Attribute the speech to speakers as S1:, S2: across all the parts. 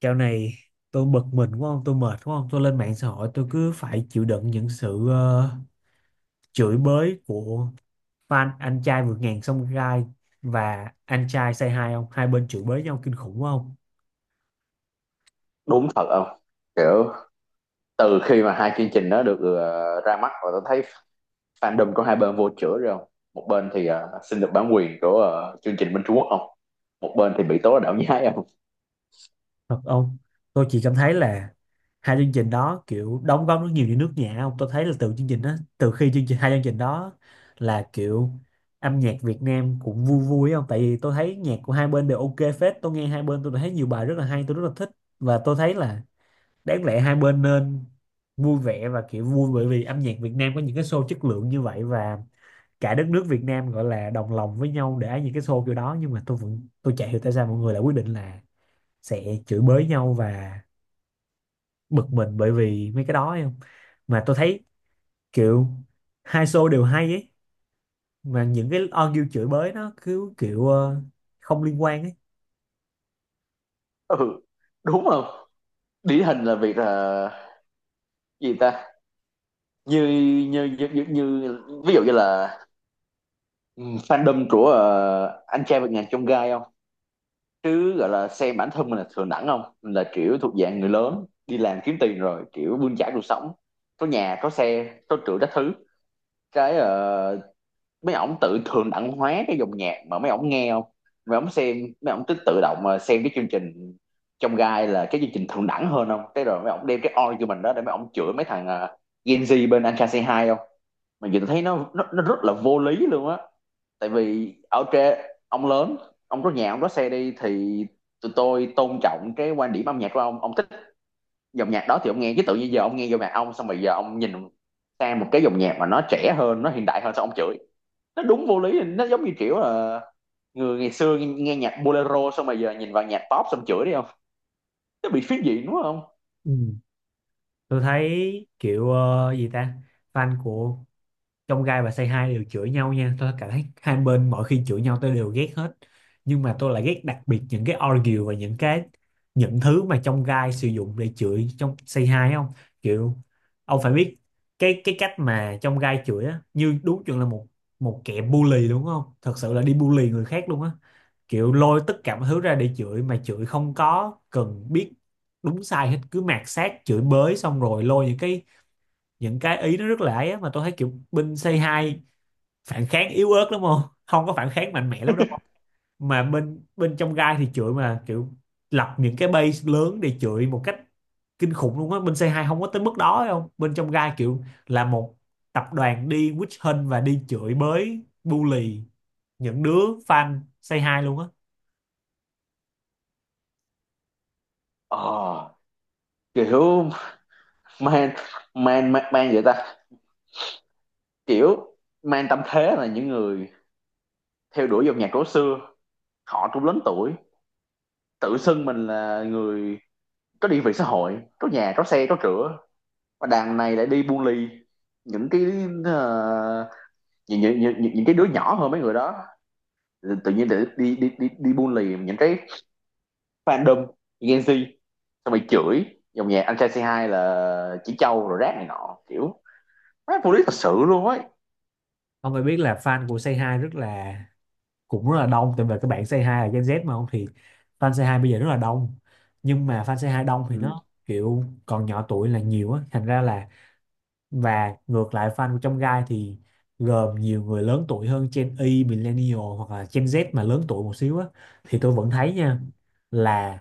S1: Dạo này tôi bực mình đúng không? Tôi mệt đúng không? Tôi lên mạng xã hội tôi cứ phải chịu đựng những sự chửi bới của fan anh trai vượt ngàn sông gai và anh trai say hi ông. Hai bên chửi bới nhau kinh khủng đúng không?
S2: Đúng thật không? Kiểu từ khi mà hai chương trình nó được ra mắt và tôi thấy fandom của hai bên vô chữa rồi không, một bên thì xin được bản quyền của chương trình bên Trung Quốc không, một bên thì bị tố là đạo nhái không.
S1: Thật ông. Tôi chỉ cảm thấy là hai chương trình đó kiểu đóng góp rất nhiều cho nước nhà ông. Tôi thấy là từ chương trình đó, từ khi chương trình hai chương trình đó là kiểu âm nhạc Việt Nam cũng vui vui không? Tại vì tôi thấy nhạc của hai bên đều ok phết. Tôi nghe hai bên tôi thấy nhiều bài rất là hay, tôi rất là thích và tôi thấy là đáng lẽ hai bên nên vui vẻ và kiểu vui bởi vì âm nhạc Việt Nam có những cái show chất lượng như vậy và cả đất nước Việt Nam gọi là đồng lòng với nhau để những cái show kiểu đó, nhưng mà tôi chả hiểu tại sao mọi người lại quyết định là sẽ chửi bới nhau và bực mình bởi vì mấy cái đó ấy không, mà tôi thấy kiểu hai show đều hay ấy, mà những cái argue chửi bới nó cứ kiểu không liên quan ấy.
S2: Ừ, đúng không? Điển hình là việc là gì ta, như như ví dụ như là, ừ, fandom của anh trai vượt ngàn chông gai không, chứ gọi là xem bản thân mình là thường đẳng không, mình là kiểu thuộc dạng người lớn đi làm kiếm tiền rồi kiểu bươn chải cuộc sống, có nhà có xe có cửa các thứ. cái ờ, mấy ổng tự thường đẳng hóa cái dòng nhạc mà mấy ổng nghe không, mấy ổng xem, mấy ổng cứ tự động mà xem cái chương trình trong gai là cái chương trình thượng đẳng hơn không, cái rồi mấy ổng đem cái oi của mình đó để mấy ổng chửi mấy thằng Gen Z bên Anh Trai Say Hi không. Mà nhìn thấy nó rất là vô lý luôn á. Tại vì ở trên, ông lớn, ông có nhà ông có xe đi thì tụi tôi tôn trọng cái quan điểm âm nhạc của ông. Ông thích dòng nhạc đó thì ông nghe, chứ tự nhiên giờ ông nghe dòng nhạc ông xong rồi giờ ông nhìn sang một cái dòng nhạc mà nó trẻ hơn nó hiện đại hơn sao ông chửi? Nó đúng vô lý, nó giống như kiểu là người ngày xưa nghe, nghe nhạc bolero xong rồi giờ nhìn vào nhạc pop xong chửi đi không. Nó bị phiến diện đúng không?
S1: Ừ. Tôi thấy kiểu gì ta, fan của trong gai và say hi đều chửi nhau nha, tôi cảm thấy hai bên mỗi khi chửi nhau tôi đều ghét hết, nhưng mà tôi lại ghét đặc biệt những cái argue và những thứ mà trong gai sử dụng để chửi trong say hi không. Kiểu ông phải biết cái cách mà trong gai chửi á như đúng chuẩn là một một kẻ bully đúng không, thật sự là đi bully người khác luôn á, kiểu lôi tất cả mọi thứ ra để chửi mà chửi không có cần biết đúng sai hết, cứ mạt sát chửi bới xong rồi lôi những cái ý nó rất là ấy á, mà tôi thấy kiểu binh c hai phản kháng yếu ớt lắm không, không có phản kháng mạnh mẽ lắm đâu không. Mà bên bên trong gai thì chửi mà kiểu lập những cái base lớn để chửi một cách kinh khủng luôn á, bên c hai không có tới mức đó phải không, bên trong gai kiểu là một tập đoàn đi witch hunt và đi chửi bới bully những đứa fan c hai luôn á.
S2: Ờ, kiểu man man man man vậy ta, kiểu man tâm thế là những người theo đuổi dòng nhạc cổ xưa, họ cũng lớn tuổi, tự xưng mình là người có địa vị xã hội có nhà có xe có cửa, và đàn này lại đi buôn ly những ờ, những cái đứa nhỏ hơn mấy người đó. Tự nhiên để đi đi đi đi buôn lì những cái fandom Gen Z xong rồi chửi dòng nhạc anh trai C2 là chỉ trâu rồi rác này nọ, kiểu mấy phụ lý thật sự luôn ấy.
S1: Ông phải biết là fan của c hai rất là cũng rất là đông, tại vì các bạn c hai là Gen Z mà không, thì fan c hai bây giờ rất là đông, nhưng mà fan c hai đông thì
S2: Ừ,
S1: nó kiểu còn nhỏ tuổi là nhiều á, thành ra là và ngược lại fan của trong gai thì gồm nhiều người lớn tuổi hơn, Gen Y, Millennial hoặc là Gen Z mà lớn tuổi một xíu á, thì tôi vẫn thấy nha là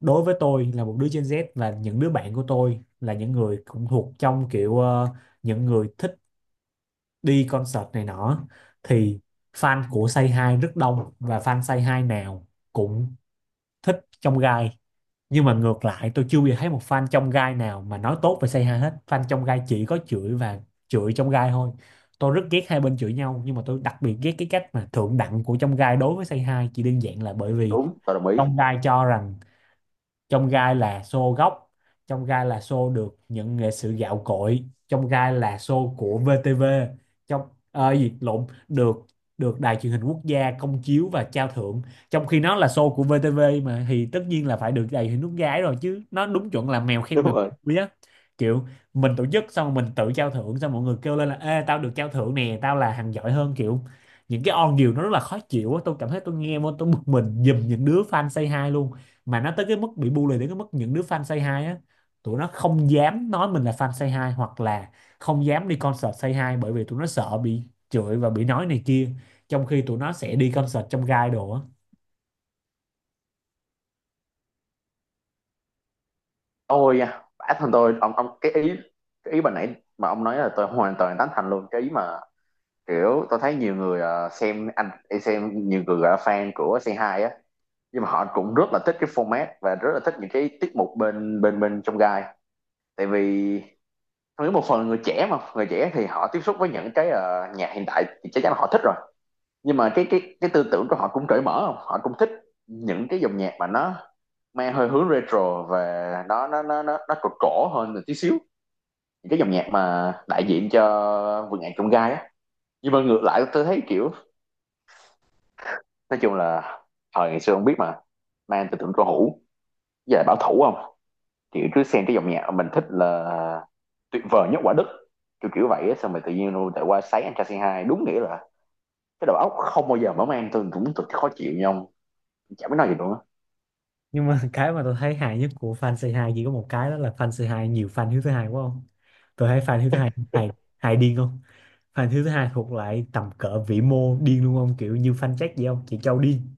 S1: đối với tôi là một đứa Gen Z và những đứa bạn của tôi là những người cũng thuộc trong kiểu những người thích đi concert này nọ thì fan của Say Hi rất đông và fan Say Hi nào cũng thích trong gai, nhưng mà ngược lại tôi chưa bao giờ thấy một fan trong gai nào mà nói tốt về Say Hi hết, fan trong gai chỉ có chửi và chửi trong gai thôi. Tôi rất ghét hai bên chửi nhau nhưng mà tôi đặc biệt ghét cái cách mà thượng đẳng của trong gai đối với Say Hi chỉ đơn giản là bởi vì
S2: đúng tôi đồng ý.
S1: trong gai cho rằng trong gai là show gốc, trong gai là show được nhận nghệ sĩ gạo cội, trong gai là show của VTV, trong ờ, gì lộn được được đài truyền hình quốc gia công chiếu và trao thưởng. Trong khi nó là show của VTV mà thì tất nhiên là phải được đài truyền hình quốc gia ấy rồi, chứ nó đúng chuẩn là mèo khen
S2: Đúng
S1: mèo
S2: rồi.
S1: quý á. Kiểu mình tổ chức xong rồi mình tự trao thưởng xong mọi người kêu lên là ê tao được trao thưởng nè tao là thằng giỏi hơn, kiểu những cái on điều nó rất là khó chịu á. Tôi cảm thấy tôi nghe vô tôi bực mình giùm những đứa fan say hi luôn, mà nó tới cái mức bị bully đến cái mức những đứa fan Say Hi á tụi nó không dám nói mình là fan Say Hi hoặc là không dám đi concert Say Hi bởi vì tụi nó sợ bị chửi và bị nói này kia, trong khi tụi nó sẽ đi concert trong gai đồ á.
S2: Tôi da, bản thân tôi, ông cái ý, cái ý bà nãy mà ông nói là tôi hoàn toàn tán thành luôn. Cái ý mà kiểu tôi thấy nhiều người xem nhiều người gọi là fan của c hai á, nhưng mà họ cũng rất là thích cái format và rất là thích những cái tiết mục bên bên bên trong gai. Tại vì tôi nghĩ một phần là người trẻ, mà người trẻ thì họ tiếp xúc với những cái nhạc hiện tại thì chắc chắn là họ thích rồi. Nhưng mà cái cái tư tưởng của họ cũng cởi mở không, họ cũng thích những cái dòng nhạc mà nó mang hơi hướng retro và nó cổ cổ hơn một tí xíu, cái dòng nhạc mà đại diện cho vườn ngàn chông gai á. Nhưng mà ngược lại tôi thấy kiểu, nói chung là thời ngày xưa không biết mà nay anh tưởng cổ hữu, giờ bảo thủ không, kiểu cứ xem cái dòng nhạc mình thích là tuyệt vời nhất quả đất, kiểu kiểu vậy á. Xong rồi tự nhiên luôn tại qua sấy anh trai say hai đúng nghĩa là cái đầu óc không bao giờ mở mang, tôi cũng tôi khó chịu nhau ông. Chả biết nói gì luôn á.
S1: Nhưng mà cái mà tôi thấy hài nhất của fan Say Hi chỉ có một cái đó là fan Say Hi nhiều fan Hiếu thứ hai quá không. Tôi thấy fan Hiếu thứ hai hài, hài điên không, fan Hiếu thứ hai thuộc lại tầm cỡ vĩ mô điên luôn không, kiểu như fan Jack vậy không, chị Châu điên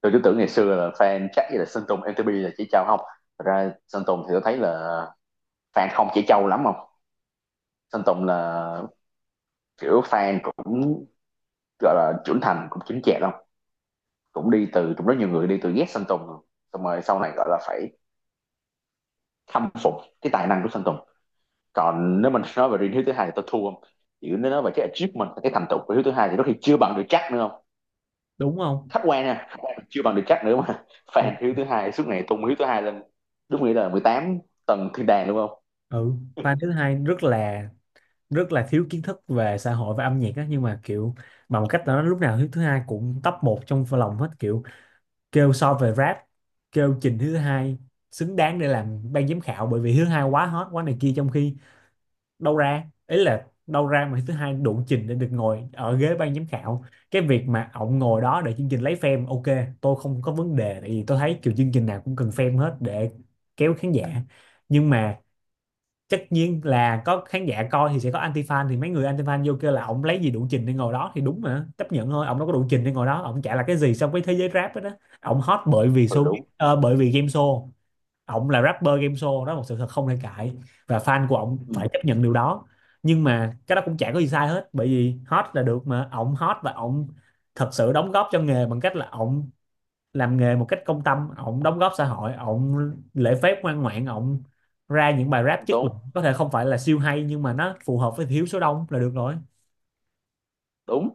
S2: Tôi cứ tưởng ngày xưa là fan chắc như là sơn tùng mtp là chỉ trao không. Thật ra sơn tùng thì tôi thấy là fan không chỉ trâu lắm không. Sơn Tùng là kiểu fan cũng gọi là trưởng thành cũng chính chẹn không, cũng đi từ cũng rất nhiều người đi từ ghét Sơn Tùng xong rồi sau này gọi là phải khâm phục cái tài năng của Sơn Tùng. Còn nếu mình nói về riêng Hiếu thứ hai thì tôi thua không, chỉ nếu nói về cái achievement cái thành tựu của Hiếu thứ hai thì có khi chưa bằng được chắc nữa không.
S1: đúng không.
S2: Khách quan nha, chưa bằng được chắc nữa mà
S1: Đúng.
S2: fan Hiếu thứ hai suốt ngày tung Hiếu thứ hai lên đúng nghĩa là 18 tầng thiên đàng đúng không.
S1: Ừ, fan Hiếu thứ hai rất là thiếu kiến thức về xã hội và âm nhạc á, nhưng mà kiểu bằng một cách là nó lúc nào thứ thứ hai cũng top một trong lòng hết, kiểu kêu so về rap, kêu trình thứ hai xứng đáng để làm ban giám khảo bởi vì thứ hai quá hot quá này kia, trong khi đâu ra mà thứ hai đủ trình để được ngồi ở ghế ban giám khảo. Cái việc mà ổng ngồi đó để chương trình lấy fame ok tôi không có vấn đề, tại vì tôi thấy kiểu chương trình nào cũng cần fame hết để kéo khán giả, nhưng mà tất nhiên là có khán giả coi thì sẽ có anti fan, thì mấy người anti fan vô kêu là ông lấy gì đủ trình để ngồi đó thì đúng, mà chấp nhận thôi, ông đâu có đủ trình để ngồi đó, ông chả là cái gì so với thế giới rap đó, Ông hot bởi vì
S2: Ừ,
S1: show,
S2: đúng.
S1: bởi vì game show, ông là rapper game show, đó là một sự thật không thể cãi và fan của ông
S2: Ừ,
S1: phải chấp nhận điều đó. Nhưng mà cái đó cũng chả có gì sai hết bởi vì hot là được mà, ông hot và ông thật sự đóng góp cho nghề bằng cách là ông làm nghề một cách công tâm, ổng đóng góp xã hội, ổng lễ phép ngoan ngoãn, ổng ra những bài rap chất
S2: tốn
S1: lượng có thể không phải là siêu hay nhưng mà nó phù hợp với thiếu số đông là được rồi.
S2: đúng.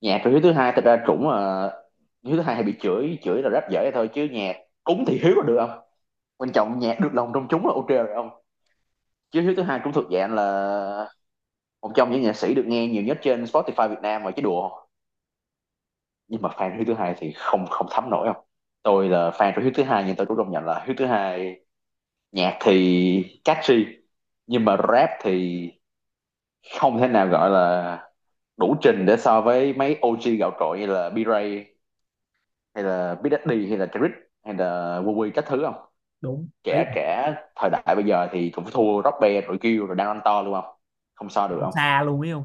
S2: Nhạc của Hiếu thứ hai thật ra cũng Hiếu thứ hai hay bị chửi, chửi là rất dễ thôi chứ nhạc cúng thì Hiếu là được không, quan trọng nhạc được lòng công chúng là ok rồi ông. Chứ thứ thứ hai cũng thuộc dạng là một trong những nhạc sĩ được nghe nhiều nhất trên Spotify Việt Nam mà chứ đùa. Nhưng mà fan thứ thứ hai thì không, thấm nổi không. Tôi là fan của thứ thứ hai nhưng tôi cũng công nhận là thứ thứ hai nhạc thì catchy nhưng mà rap thì không thể nào gọi là đủ trình để so với mấy OG gạo cội như là B-Ray hay là Big Daddy hay là Trick hay là Wu Wee các thứ không.
S1: Đúng ấy,
S2: Trẻ
S1: là
S2: Trẻ thời đại bây giờ thì cũng thua Rock Band rồi, kêu rồi đang ăn to luôn không, không so được không.
S1: xa luôn ấy không,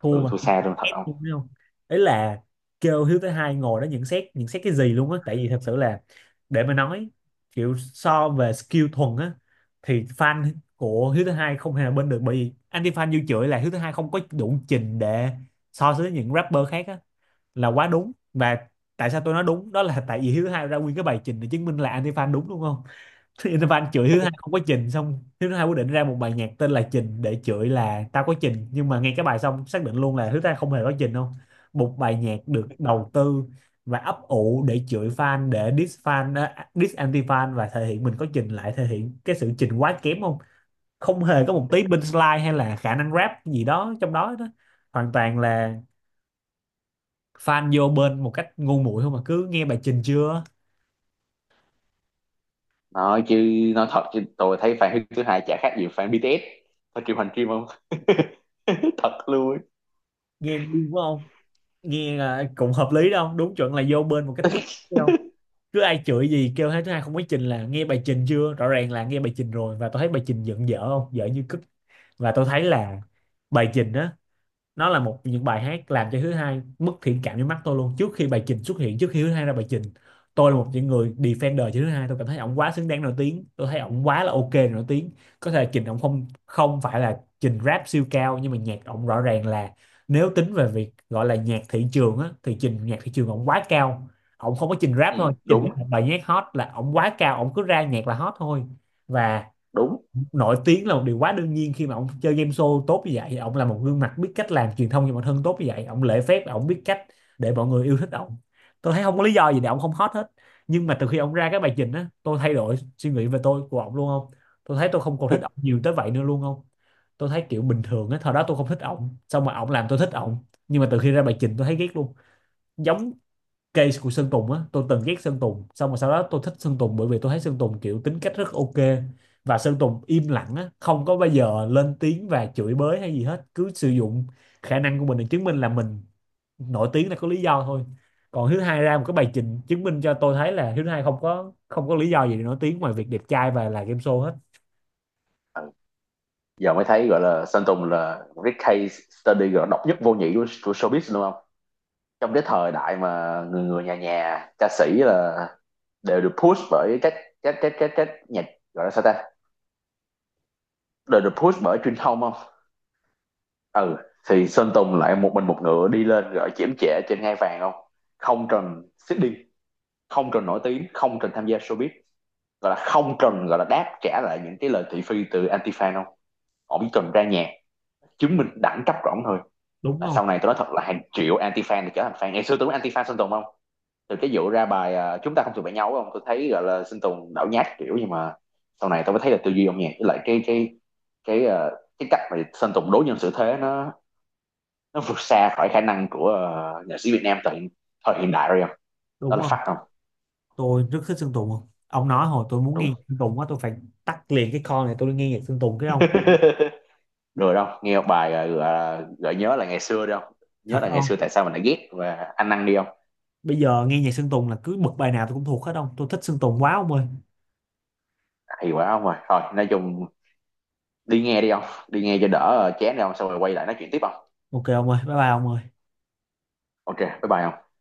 S1: thua
S2: Ừ
S1: mà
S2: thua
S1: cũng
S2: xa
S1: thắng
S2: luôn thật
S1: kép luôn
S2: không.
S1: ấy không. Ấy là kêu Hiếu thứ hai ngồi đó nhận xét, nhận xét cái gì luôn á, tại vì thật sự là để mà nói kiểu so về skill thuần á thì fan của Hiếu thứ hai không hề bên được, bởi vì anti fan như chửi là Hiếu thứ hai không có đủ trình để so sánh với những rapper khác á là quá đúng. Và tại sao tôi nói đúng đó là tại vì Hiếu thứ hai ra nguyên cái bài trình để chứng minh là anti-fan đúng, đúng không. Anti-fan chửi Hiếu thứ hai không có trình, xong Hiếu thứ hai quyết định ra một bài nhạc tên là trình để chửi là tao có trình, nhưng mà nghe cái bài xong xác định luôn là Hiếu thứ hai không hề có trình không. Một bài nhạc được đầu tư và ấp ủ để chửi fan, để diss fan, diss anti-fan và thể hiện mình có trình lại thể hiện cái sự trình quá kém không, không hề có một tí bên slide hay là khả năng rap gì đó trong đó đó, hoàn toàn là fan vô bên một cách ngu muội không, mà cứ nghe bài trình chưa,
S2: nói chứ nói thật chứ tôi thấy fan thứ hai chả khác gì fan BTS. Thôi triệu hành kim không. Thật luôn.
S1: nghe đúng không, nghe là cũng hợp lý đâu đúng chuẩn là vô bên một cách bức bách không, cứ ai chửi gì kêu thế thứ hai không có trình là nghe bài trình chưa, rõ ràng là nghe bài trình rồi và tôi thấy bài trình giận dở không, dở như cứt. Và tôi thấy là bài trình á nó là một những bài hát làm cho thứ hai mất thiện cảm với mắt tôi luôn. Trước khi bài trình xuất hiện, trước khi thứ hai ra bài trình, tôi là một những người defender cho thứ hai, tôi cảm thấy ổng quá xứng đáng nổi tiếng, tôi thấy ổng quá là ok để nổi tiếng. Có thể trình ổng không, không phải là trình rap siêu cao, nhưng mà nhạc ổng rõ ràng là nếu tính về việc gọi là nhạc thị trường á thì trình nhạc thị trường ổng quá cao, ổng không có trình rap
S2: Ừ,
S1: thôi, trình ra
S2: đúng.
S1: một bài nhạc hot là ổng quá cao, ổng cứ ra nhạc là hot thôi và
S2: Đúng.
S1: nổi tiếng là một điều quá đương nhiên khi mà ông chơi game show tốt như vậy, ông là một gương mặt biết cách làm truyền thông cho bản thân tốt như vậy, ông lễ phép, ông biết cách để mọi người yêu thích ông, tôi thấy không có lý do gì để ông không hot hết. Nhưng mà từ khi ông ra cái bài trình á tôi thay đổi suy nghĩ về tôi của ông luôn không, tôi thấy tôi không còn thích ông nhiều tới vậy nữa luôn không. Tôi thấy kiểu bình thường á, thời đó tôi không thích ông xong mà ông làm tôi thích ông, nhưng mà từ khi ra bài trình tôi thấy ghét luôn. Giống case của Sơn Tùng á, tôi từng ghét Sơn Tùng xong rồi sau đó tôi thích Sơn Tùng bởi vì tôi thấy Sơn Tùng kiểu tính cách rất ok và Sơn Tùng im lặng á, không có bao giờ lên tiếng và chửi bới hay gì hết, cứ sử dụng khả năng của mình để chứng minh là mình nổi tiếng là có lý do thôi. Còn Hiếu Hai ra một cái bài trình chứng minh cho tôi thấy là Hiếu Hai không có lý do gì để nổi tiếng ngoài việc đẹp trai và là game show hết.
S2: Ừ, giờ mới thấy gọi là Sơn Tùng là một cái case study gọi độc nhất vô nhị của showbiz luôn không. Trong cái thời đại mà người người nhà nhà ca sĩ là đều được push bởi các nhạc, gọi là sao ta, đều được push bởi truyền thông không. Ừ, thì Sơn Tùng lại một mình một ngựa đi lên gọi chiếm trẻ trên ngai vàng không, không trần seeding, không cần nổi tiếng, không cần tham gia showbiz, gọi là không cần gọi là đáp trả lại những cái lời thị phi từ anti fan không. Họ chỉ cần ra nhạc chứng minh đẳng cấp của ổng thôi.
S1: Đúng
S2: Là
S1: không.
S2: sau này tôi nói thật là hàng triệu anti fan thì trở thành fan. Ngày xưa tôi có anti fan Sơn Tùng không, từ cái vụ ra bài, chúng ta không thuộc về nhau không, tôi thấy gọi là Sơn Tùng đảo nhát kiểu. Nhưng mà sau này tôi mới thấy là tư duy âm nhạc với lại cái à, cái cách mà Sơn Tùng đối nhân xử thế nó, vượt xa khỏi khả năng của nhạc sĩ Việt Nam thời thời hiện đại rồi không. Đó
S1: Đúng
S2: là
S1: không.
S2: phát không.
S1: Tôi rất thích Sơn Tùng không ông, nói hồi tôi muốn
S2: Đúng.
S1: nghe Sơn Tùng á tôi phải tắt liền cái con này tôi đi nghe nhạc Sơn Tùng cái không.
S2: Rồi đâu nghe một bài gọi gợi nhớ là ngày xưa, đâu nhớ
S1: Thật
S2: là ngày
S1: không,
S2: xưa tại sao mình lại ghét và anh ăn đi không.
S1: bây giờ nghe nhạc Sơn Tùng là cứ bật bài nào tôi cũng thuộc hết ông, tôi thích Sơn Tùng quá ông ơi.
S2: Thì quá không, rồi thôi nói chung đi nghe đi không, đi nghe cho đỡ chén chán đi không, xong rồi quay lại nói chuyện tiếp không.
S1: Ok ông ơi, bye bye ông ơi.
S2: Ok bye bye không.